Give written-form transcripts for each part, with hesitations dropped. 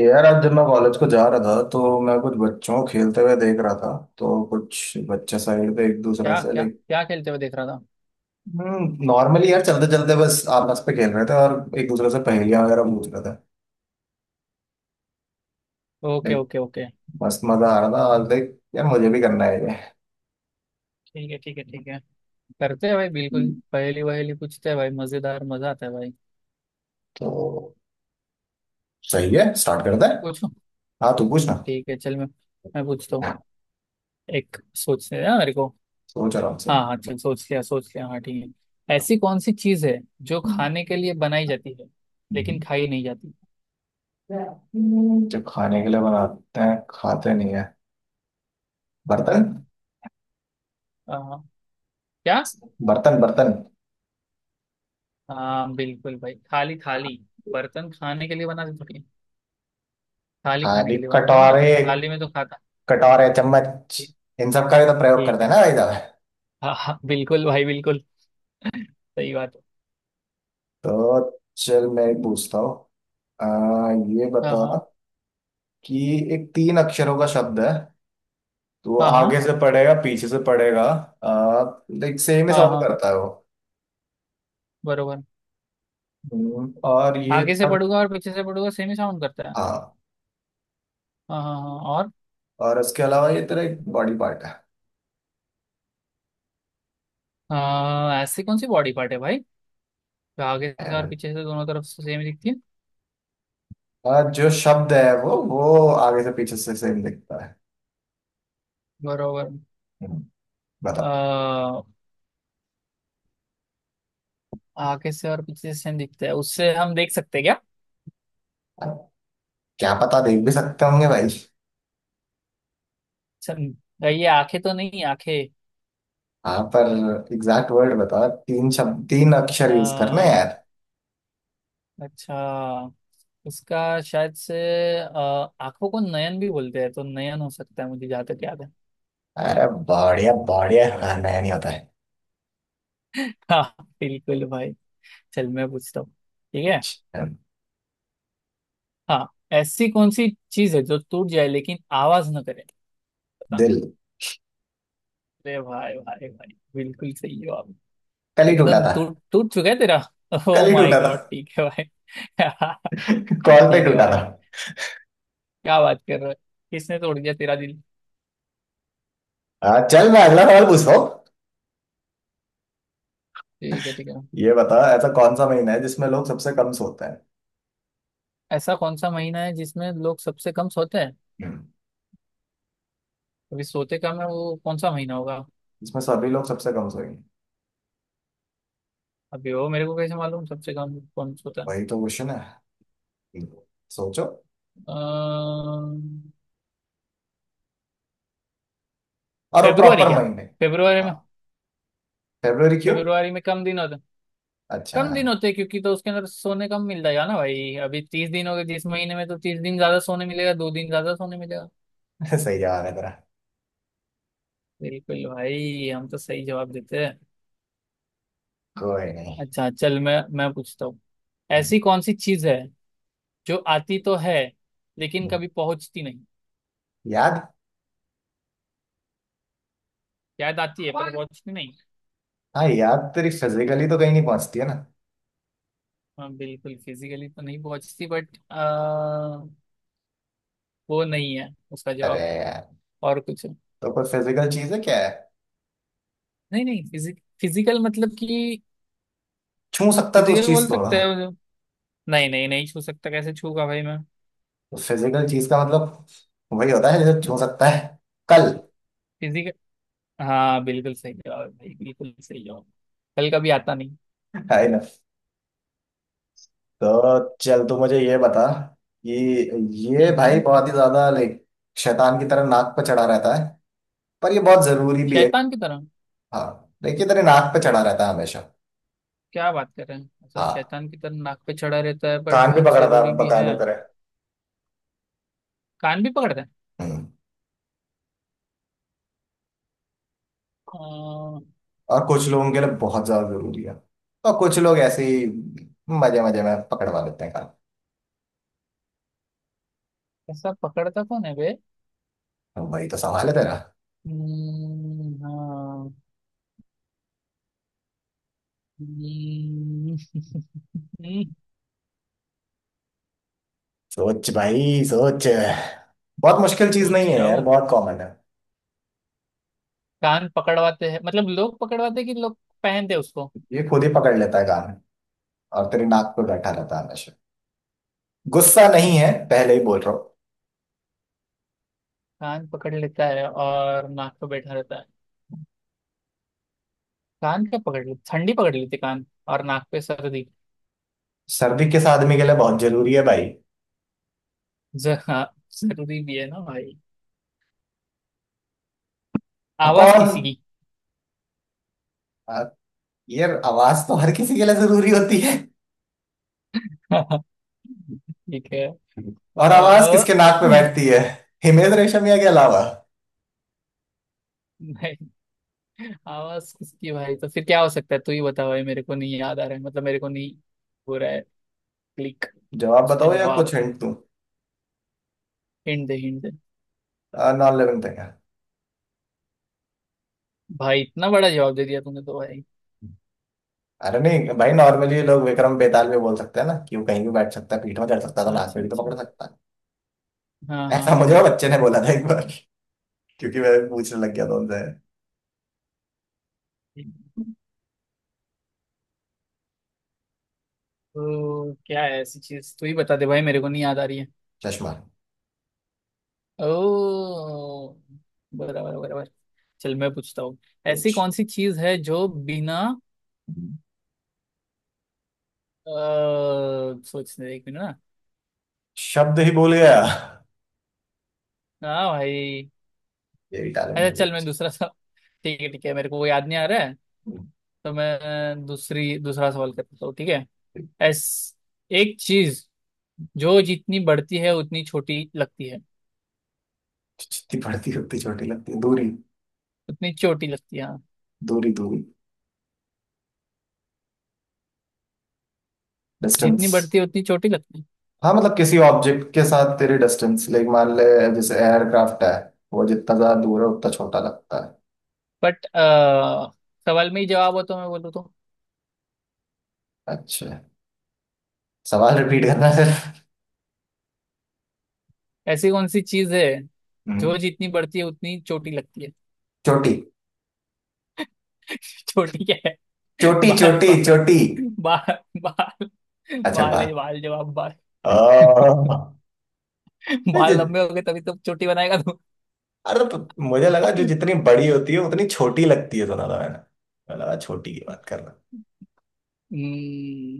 यार आज जब मैं कॉलेज को जा रहा था तो मैं कुछ बच्चों को खेलते हुए देख रहा था। तो कुछ बच्चे साइड पे एक दूसरे क्या से क्या लाइक क्या खेलते हुए देख रहा था? नॉर्मली यार चलते चलते बस आपस पे खेल रहे थे और एक दूसरे से पहेलियां वगैरह पूछ रहे थे। Okay like okay okay. मस्त मजा आ रहा था और लाइक यार मुझे भी करना है ये। ठीक है ठीक है ठीक है। करते हैं भाई, बिल्कुल हम्म। पहेली वहेली पूछते हैं भाई, मजेदार, मजा आता है भाई। तो सही है स्टार्ट करते हैं। पूछो। हाँ तू पूछ ना। ठीक है, चल मैं पूछता हूँ। एक सोचने दे ना मेरे को। सोच आराम से। हाँ हाँ, चल, सोच लिया सोच लिया, हाँ ठीक है। ऐसी कौन सी चीज है जो खाने के लिए बनाई जाती है लेकिन हम्म। खाई नहीं जाती? जो खाने के लिए बनाते हैं खाते नहीं है। बर्तन हम्म, आ, क्या? बर्तन बर्तन। हाँ बिल्कुल भाई, थाली थाली। बर्तन खाने के लिए बनाते थोड़ी है। थाली खाने थाली के लिए बनाते हैं ना, कटोरे मतलब थाली में तो खाता। कटोरे चम्मच इन सब का भी तो प्रयोग ठीक करते है। हैं ना भाई साहब। हाँ हाँ, बिल्कुल भाई, बिल्कुल। सही बात है। तो चल मैं एक पूछता हूँ। आ, ये हाँ बता हाँ कि एक तीन अक्षरों का शब्द है। तो हाँ। हाँ आगे से पढ़ेगा पीछे से पढ़ेगा। लाइक सेम ही हाँ साउंड हाँ। करता है वो। बरोबर। और ये आगे से तक। पढ़ूंगा और पीछे से पढ़ूंगा, सेम ही साउंड करता है। हाँ हाँ हाँ हाँ। और और उसके अलावा ये तेरा एक बॉडी पार्ट है। ऐसी कौन सी बॉडी पार्ट है भाई जो आगे है से और ना? पीछे से दोनों तरफ से सेम दिखती है? जो शब्द है वो आगे से पीछे से सेम दिखता है। बरोबर। हम्म, बताओ। आ, आगे से और पीछे से सेम दिखता है, उससे हम देख सकते हैं क्या? क्या पता देख भी सकते होंगे भाई। सम- ये आंखें तो नहीं? आंखें? हाँ पर एग्जैक्ट वर्ड बताओ तीन शब्द तीन अक्षर यूज करना है आ, यार। अच्छा, इसका शायद से अ, आंखों को नयन भी बोलते हैं, तो नयन हो सकता है, मुझे जहाँ तक याद है। अरे बढ़िया बढ़िया हाँ नया नहीं होता है। हाँ बिल्कुल भाई। चल मैं पूछता हूँ। ठीक है। अच्छा, हाँ, ऐसी कौन सी चीज है जो टूट जाए लेकिन आवाज ना करे? बता। दिल। अरे भाई भाई भाई, बिल्कुल सही हो आप। कल ही टूटा एकदम था। टूट टूट चुका है तेरा। ओ कल ही माय टूटा था। गॉड, ठीक है भाई। कॉल पे ठीक है टूटा था। भाई। क्या बात कर रहा है? किसने तोड़ दिया तेरा दिल? हाँ चल मैं अगला सवाल पूछता हूँ। ठीक है ठीक है। ये बताओ ऐसा कौन सा महीना है जिसमें लोग सबसे कम सोते हैं। ऐसा कौन सा महीना है जिसमें लोग सबसे कम सोते हैं? हम्म। अभी सोते कम है वो कौन सा महीना होगा? जिसमें सभी लोग सबसे कम सोएंगे। अभी वो मेरे को कैसे मालूम सबसे कम कौन सोता है? वही तो क्वेश्चन है। हम्म। सोचो। अ, और वो फेब्रुआरी प्रॉपर क्या? महीने। फेब्रुआरी हाँ में। फरवरी क्यों। फेब्रुआरी में कम दिन होते। अच्छा। कम दिन होते हैं क्योंकि, तो उसके अंदर सोने कम मिल जाएगा ना भाई। अभी तीस दिन हो गए जिस महीने में, तो तीस दिन ज्यादा सोने मिलेगा, दो दिन ज्यादा सोने मिलेगा। सही जवाब है तेरा। बिल्कुल भाई, हम तो सही जवाब देते हैं। कोई नहीं। अच्छा, चल मैं पूछता हूँ। हम्म। ऐसी कौन सी चीज है जो आती तो है लेकिन हम्म। कभी पहुंचती नहीं? याद। शायद आती है पर पहुंचती नहीं। हाँ यार तेरी फिजिकली तो कहीं नहीं पहुंचती है ना। हाँ बिल्कुल, फिजिकली तो नहीं पहुंचती, बट वो नहीं है उसका अरे जवाब। यार। और कुछ है। तो कोई फिजिकल चीज है क्या है। नहीं नहीं, फिजिकल मतलब कि, छू सकता तो उस फिजिकल चीज बोल को। सकते हैं मुझे। नहीं नहीं नहीं, छू सकता, कैसे छूगा भाई मैं? तो फिजिकल चीज का मतलब वही होता है जैसे छू सकता है। कल। फिजिकल। हाँ बिल्कुल सही जवाब है भाई, बिल्कुल सही जवाब। कल कभी आता नहीं। है ना। तो चल तू मुझे ये बता कि ये हम्म भाई हम्म। बहुत ही ज्यादा लाइक शैतान की तरह नाक पर चढ़ा रहता है। पर ये बहुत जरूरी भी है। शैतान की तरह? हाँ। देखिए तेरे नाक पे चढ़ा रहता है हमेशा। क्या बात कर रहे हैं? अच्छा, हाँ। शैतान की तरह नाक पे चढ़ा रहता है बट कान भी बहुत पकड़ता जरूरी है भी बकायदा है। तेरे। कान भी पकड़ता है? हम्म, अह, और कुछ लोगों के लिए बहुत ज्यादा जरूरी है। और कुछ लोग ऐसे ही मजे मजे में पकड़वा देते हैं काम। ऐसा पकड़ता कौन है बे? अब वही तो सवाल है तेरा। हाँ। हम्म, सोच भाई सोच। बहुत मुश्किल चीज सोच नहीं ही है रहा यार हूँ। बहुत कॉमन है। कान पकड़वाते हैं, मतलब लोग पकड़वाते हैं कि लोग पहनते हैं उसको। ये खुद ही पकड़ लेता है काम। और तेरी नाक पे बैठा रहता है हमेशा। गुस्सा नहीं है पहले ही बोल रहा हूँ। कान पकड़ लेता है और नाक पे बैठा रहता है? कान क्या पकड़ ले? ठंडी पकड़ लेती कान और नाक पे सर्दी। सर्दी किस आदमी के लिए बहुत जरूरी है भाई। हाँ, जरूरी भी है ना भाई। और आवाज किसी कौन। की? आ, यार आवाज तो हर किसी के लिए जरूरी होती है। ठीक है। और आवाज किसके नाक पे बैठती है हिमेश रेशमिया के अलावा। नहीं, आवाज किसकी भाई, तो फिर क्या हो सकता है? तू ही बता भाई, मेरे को नहीं याद आ रहा है, मतलब मेरे को नहीं हो रहा है क्लिक। जवाब उसका बताओ या जवाब। कुछ हिंट दूं? हिंट दे हिंट दे। नॉन लिविंग थिंग है। भाई इतना बड़ा जवाब दे दिया तूने तो भाई। अरे नहीं भाई नॉर्मली लोग विक्रम बेताल भी बोल सकते हैं ना कि वो कहीं भी बैठ सकता है पीठ में चढ़ सकता है तो अच्छा नाक पे अच्छा भी तो अच्छा। पकड़ सकता हाँ है हाँ ऐसा मुझे वो हाँ। बच्चे ने बोला था एक बार क्योंकि मैं पूछने लग गया था उनसे। हाँ तो क्या है ऐसी चीज, तू ही बता दे भाई, मेरे को नहीं याद आ रही है। चश्मा। ओ, बराबर बराबर। चल मैं पूछता हूँ। ऐसी कुछ कौन सी चीज है जो बिना अ, सोचने एक मिनट ना। शब्द ही बोल गया। हाँ भाई। यही टैलेंट अच्छा, मुझे। चल मैं दूसरा सवाल। ठीक है ठीक है, मेरे को वो याद नहीं आ रहा है, तो मैं दूसरी दूसरा सवाल करता हूँ, ठीक है। एस, एक चीज जो जितनी बढ़ती है उतनी छोटी लगती है। जितनी बढ़ती उतनी छोटी लगती है। दूरी उतनी छोटी लगती है, हाँ। दूरी दूरी। डिस्टेंस। जितनी बढ़ती है उतनी छोटी लगती है। हाँ मतलब किसी ऑब्जेक्ट के साथ तेरी डिस्टेंस लाइक मान ले जैसे एयरक्राफ्ट है वो जितना ज्यादा दूर है उतना छोटा लगता बट सवाल में ही जवाब हो तो मैं बोलूँ तो। है। अच्छा। सवाल रिपीट करना है। ऐसी कौन सी चीज है सर। जो जितनी बढ़ती है उतनी चोटी लगती है? चोटी चोटी क्या है? चोटी बाल चोटी बाल। चोटी। बाल बाल। अच्छा बाल बाय। है बाल, जवाब बाल। आह, ये बाल लंबे जि- हो गए तभी तो चोटी बनाएगा तू। अरे तो मुझे लगा जो जितनी बड़ी होती है उतनी छोटी लगती है सुना था मैंने। मैं लगा छोटी की बात करना। हम्म,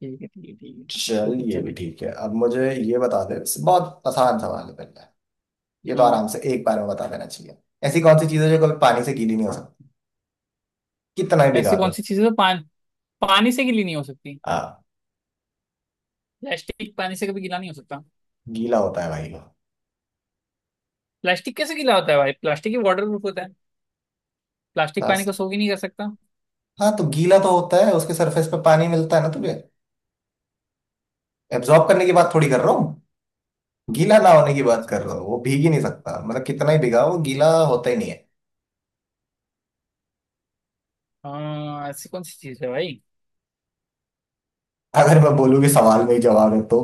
ठीक है ठीक है ठीक है। तू चल पूछ ये भी अभी। ठीक है अब मुझे ये बता दे। बहुत आसान सवाल है पहले। ये तो हाँ। आराम से एक बार में बता देना चाहिए। ऐसी कौन सी चीज है जो कभी पानी से गीली नहीं हो सकती कितना ही ऐसी भिगा दो। कौन सी चीज़ है जो पानी से गीली नहीं हो सकती? हाँ। प्लास्टिक पानी से कभी गीला नहीं हो सकता। गीला होता है भाई वो। प्लास्टिक कैसे गीला होता है भाई? प्लास्टिक ही वाटर प्रूफ होता। प्लास्टिक पानी बस। को सोख ही नहीं कर सकता। हाँ तो गीला तो होता है उसके सरफेस पे पानी मिलता है ना तुझे। एब्जॉर्ब करने की बात थोड़ी कर रहा हूँ। गीला ना होने की बात अच्छा कर रहा अच्छा। हूँ वो भीग ही नहीं सकता मतलब कितना ही भिगा वो गीला होता ही नहीं है। हाँ, ऐसी कौन सी चीज है भाई? अगर मैं बोलूँ कि सवाल में ही जवाब है तो।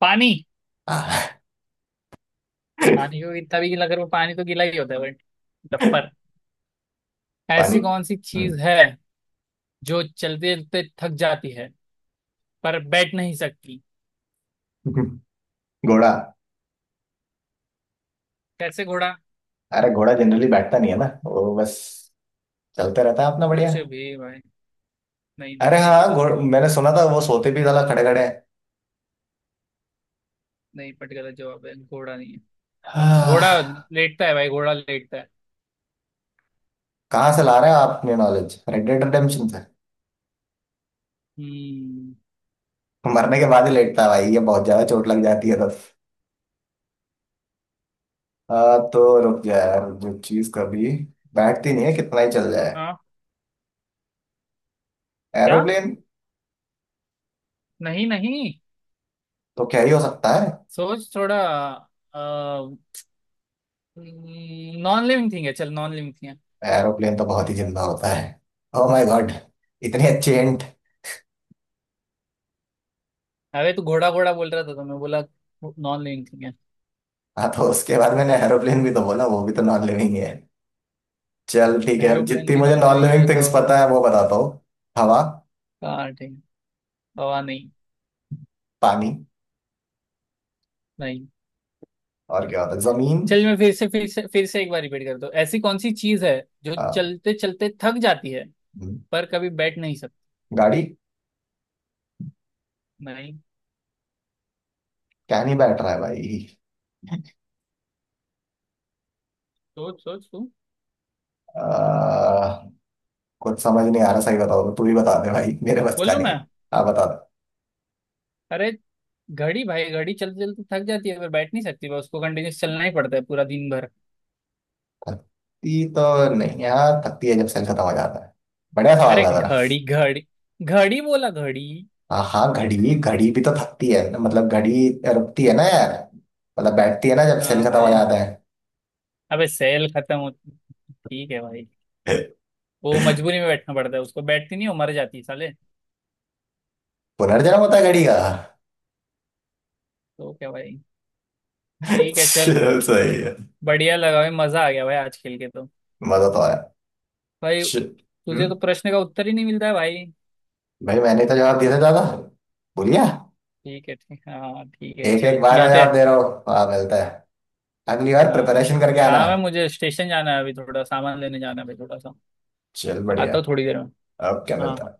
पानी? हाँ। पानी को कितना भी गीला करो, पानी तो गीला ही होता है बट डफर। पानी। ऐसी कौन सी हम्म। चीज है जो चलते चलते थक जाती है पर बैठ नहीं सकती? घोड़ा। कैसे घोड़ा? अरे घोड़ा जनरली बैठता नहीं है ना वो बस चलते रहता है अपना बढ़िया। कुछ भी भाई। नहीं नहीं, अरे ये तो हाँ गलत घोड़ जवाब है। मैंने सुना था वो सोते भी साला खड़े खड़े हैं। नहीं, बट गलत जवाब है, घोड़ा नहीं है। घोड़ा हाँ, लेटता है भाई, घोड़ा लेटता है। कहाँ से ला रहे हैं आप अपनी नॉलेज रेड डेड रिडेम्पशन से। हम्म। मरने के बाद ही लेटता है भाई ये बहुत ज्यादा चोट लग जाती है तब। हाँ, तो रुक जा यार जो चीज कभी बैठती नहीं है कितना ही चल जाए। हाँ। क्या? एरोप्लेन। नहीं नहीं, तो क्या ही हो सकता है। सोच थोड़ा। नॉन लिविंग थिंग है, चल नॉन लिविंग थिंग है। एरोप्लेन तो बहुत ही जिंदा होता है। ओ माय गॉड इतनी अच्छी हिंट। अरे तू घोड़ा घोड़ा बोल रहा था तो मैं बोला नॉन लिविंग थिंग है। हाँ तो उसके बाद मैंने एरोप्लेन भी तो बोला वो भी तो नॉन लिविंग ही है। चल ठीक है एरोप्लेन जितनी भी मुझे नॉन नॉन लिविंग है लिविंग तो। थिंग्स पता है वो बताता हूँ। हवा। हाँ ठीक। हवा नहीं। पानी। नहीं। और क्या होता है जमीन। चल मैं फिर से फिर से फिर से एक बार रिपीट कर दो। ऐसी कौन सी चीज है जो अ, चलते चलते थक जाती है हम्म, पर कभी बैठ नहीं सकती? गाड़ी। नहीं। क्या नहीं बैठ रहा है भाई। सोच सोच तू। अ, कुछ समझ नहीं आ रहा सही बताओ तो तू ही बता दे भाई मेरे बस का बोलू नहीं है। मैं? हाँ बता दे। अरे घड़ी भाई, घड़ी चलते चलते थक जाती है पर बैठ नहीं सकती, बस उसको कंटिन्यूस चलना ही पड़ता है पूरा दिन भर। थकती तो नहीं है हाँ थकती है जब सेल खत्म हो जाता है। बढ़िया सवाल अरे था जरा। घड़ी घड़ी, घड़ी बोला, घड़ी। हाँ हाँ घड़ी घड़ी भी तो थकती है मतलब घड़ी रुकती है ना यार। मतलब बैठती है ना जब सेल हाँ खत्म हो भाई, जाता है। अबे सेल खत्म होती, ठीक है भाई, वो मजबूरी में बैठना पड़ता है उसको, बैठती नहीं, वो मर जाती है साले। पुनर्जन्म होता है घड़ी का। तो क्या भाई? ठीक है चल। चल, सही है। बढ़िया लगा भाई, मजा आ गया भाई आज खेल के तो। मजा तो आया। भाई, श- तुझे हम्म। तो प्रश्न का उत्तर ही नहीं मिलता है भाई। भाई मैंने तो जवाब दिया था दादा। भूल गया। ठीक है, ठीक, हाँ ठीक है, एक एक चल बार में मिलते जवाब हैं। दे रहा हो। हाँ मिलता है। अगली बार हाँ, प्रिपरेशन करके आना। काम है, मुझे स्टेशन जाना है अभी, थोड़ा सामान लेने जाना है अभी थोड़ा सा। चल बढ़िया। आता हूँ थोड़ी देर में। अब क्या हाँ मिलता हाँ। है।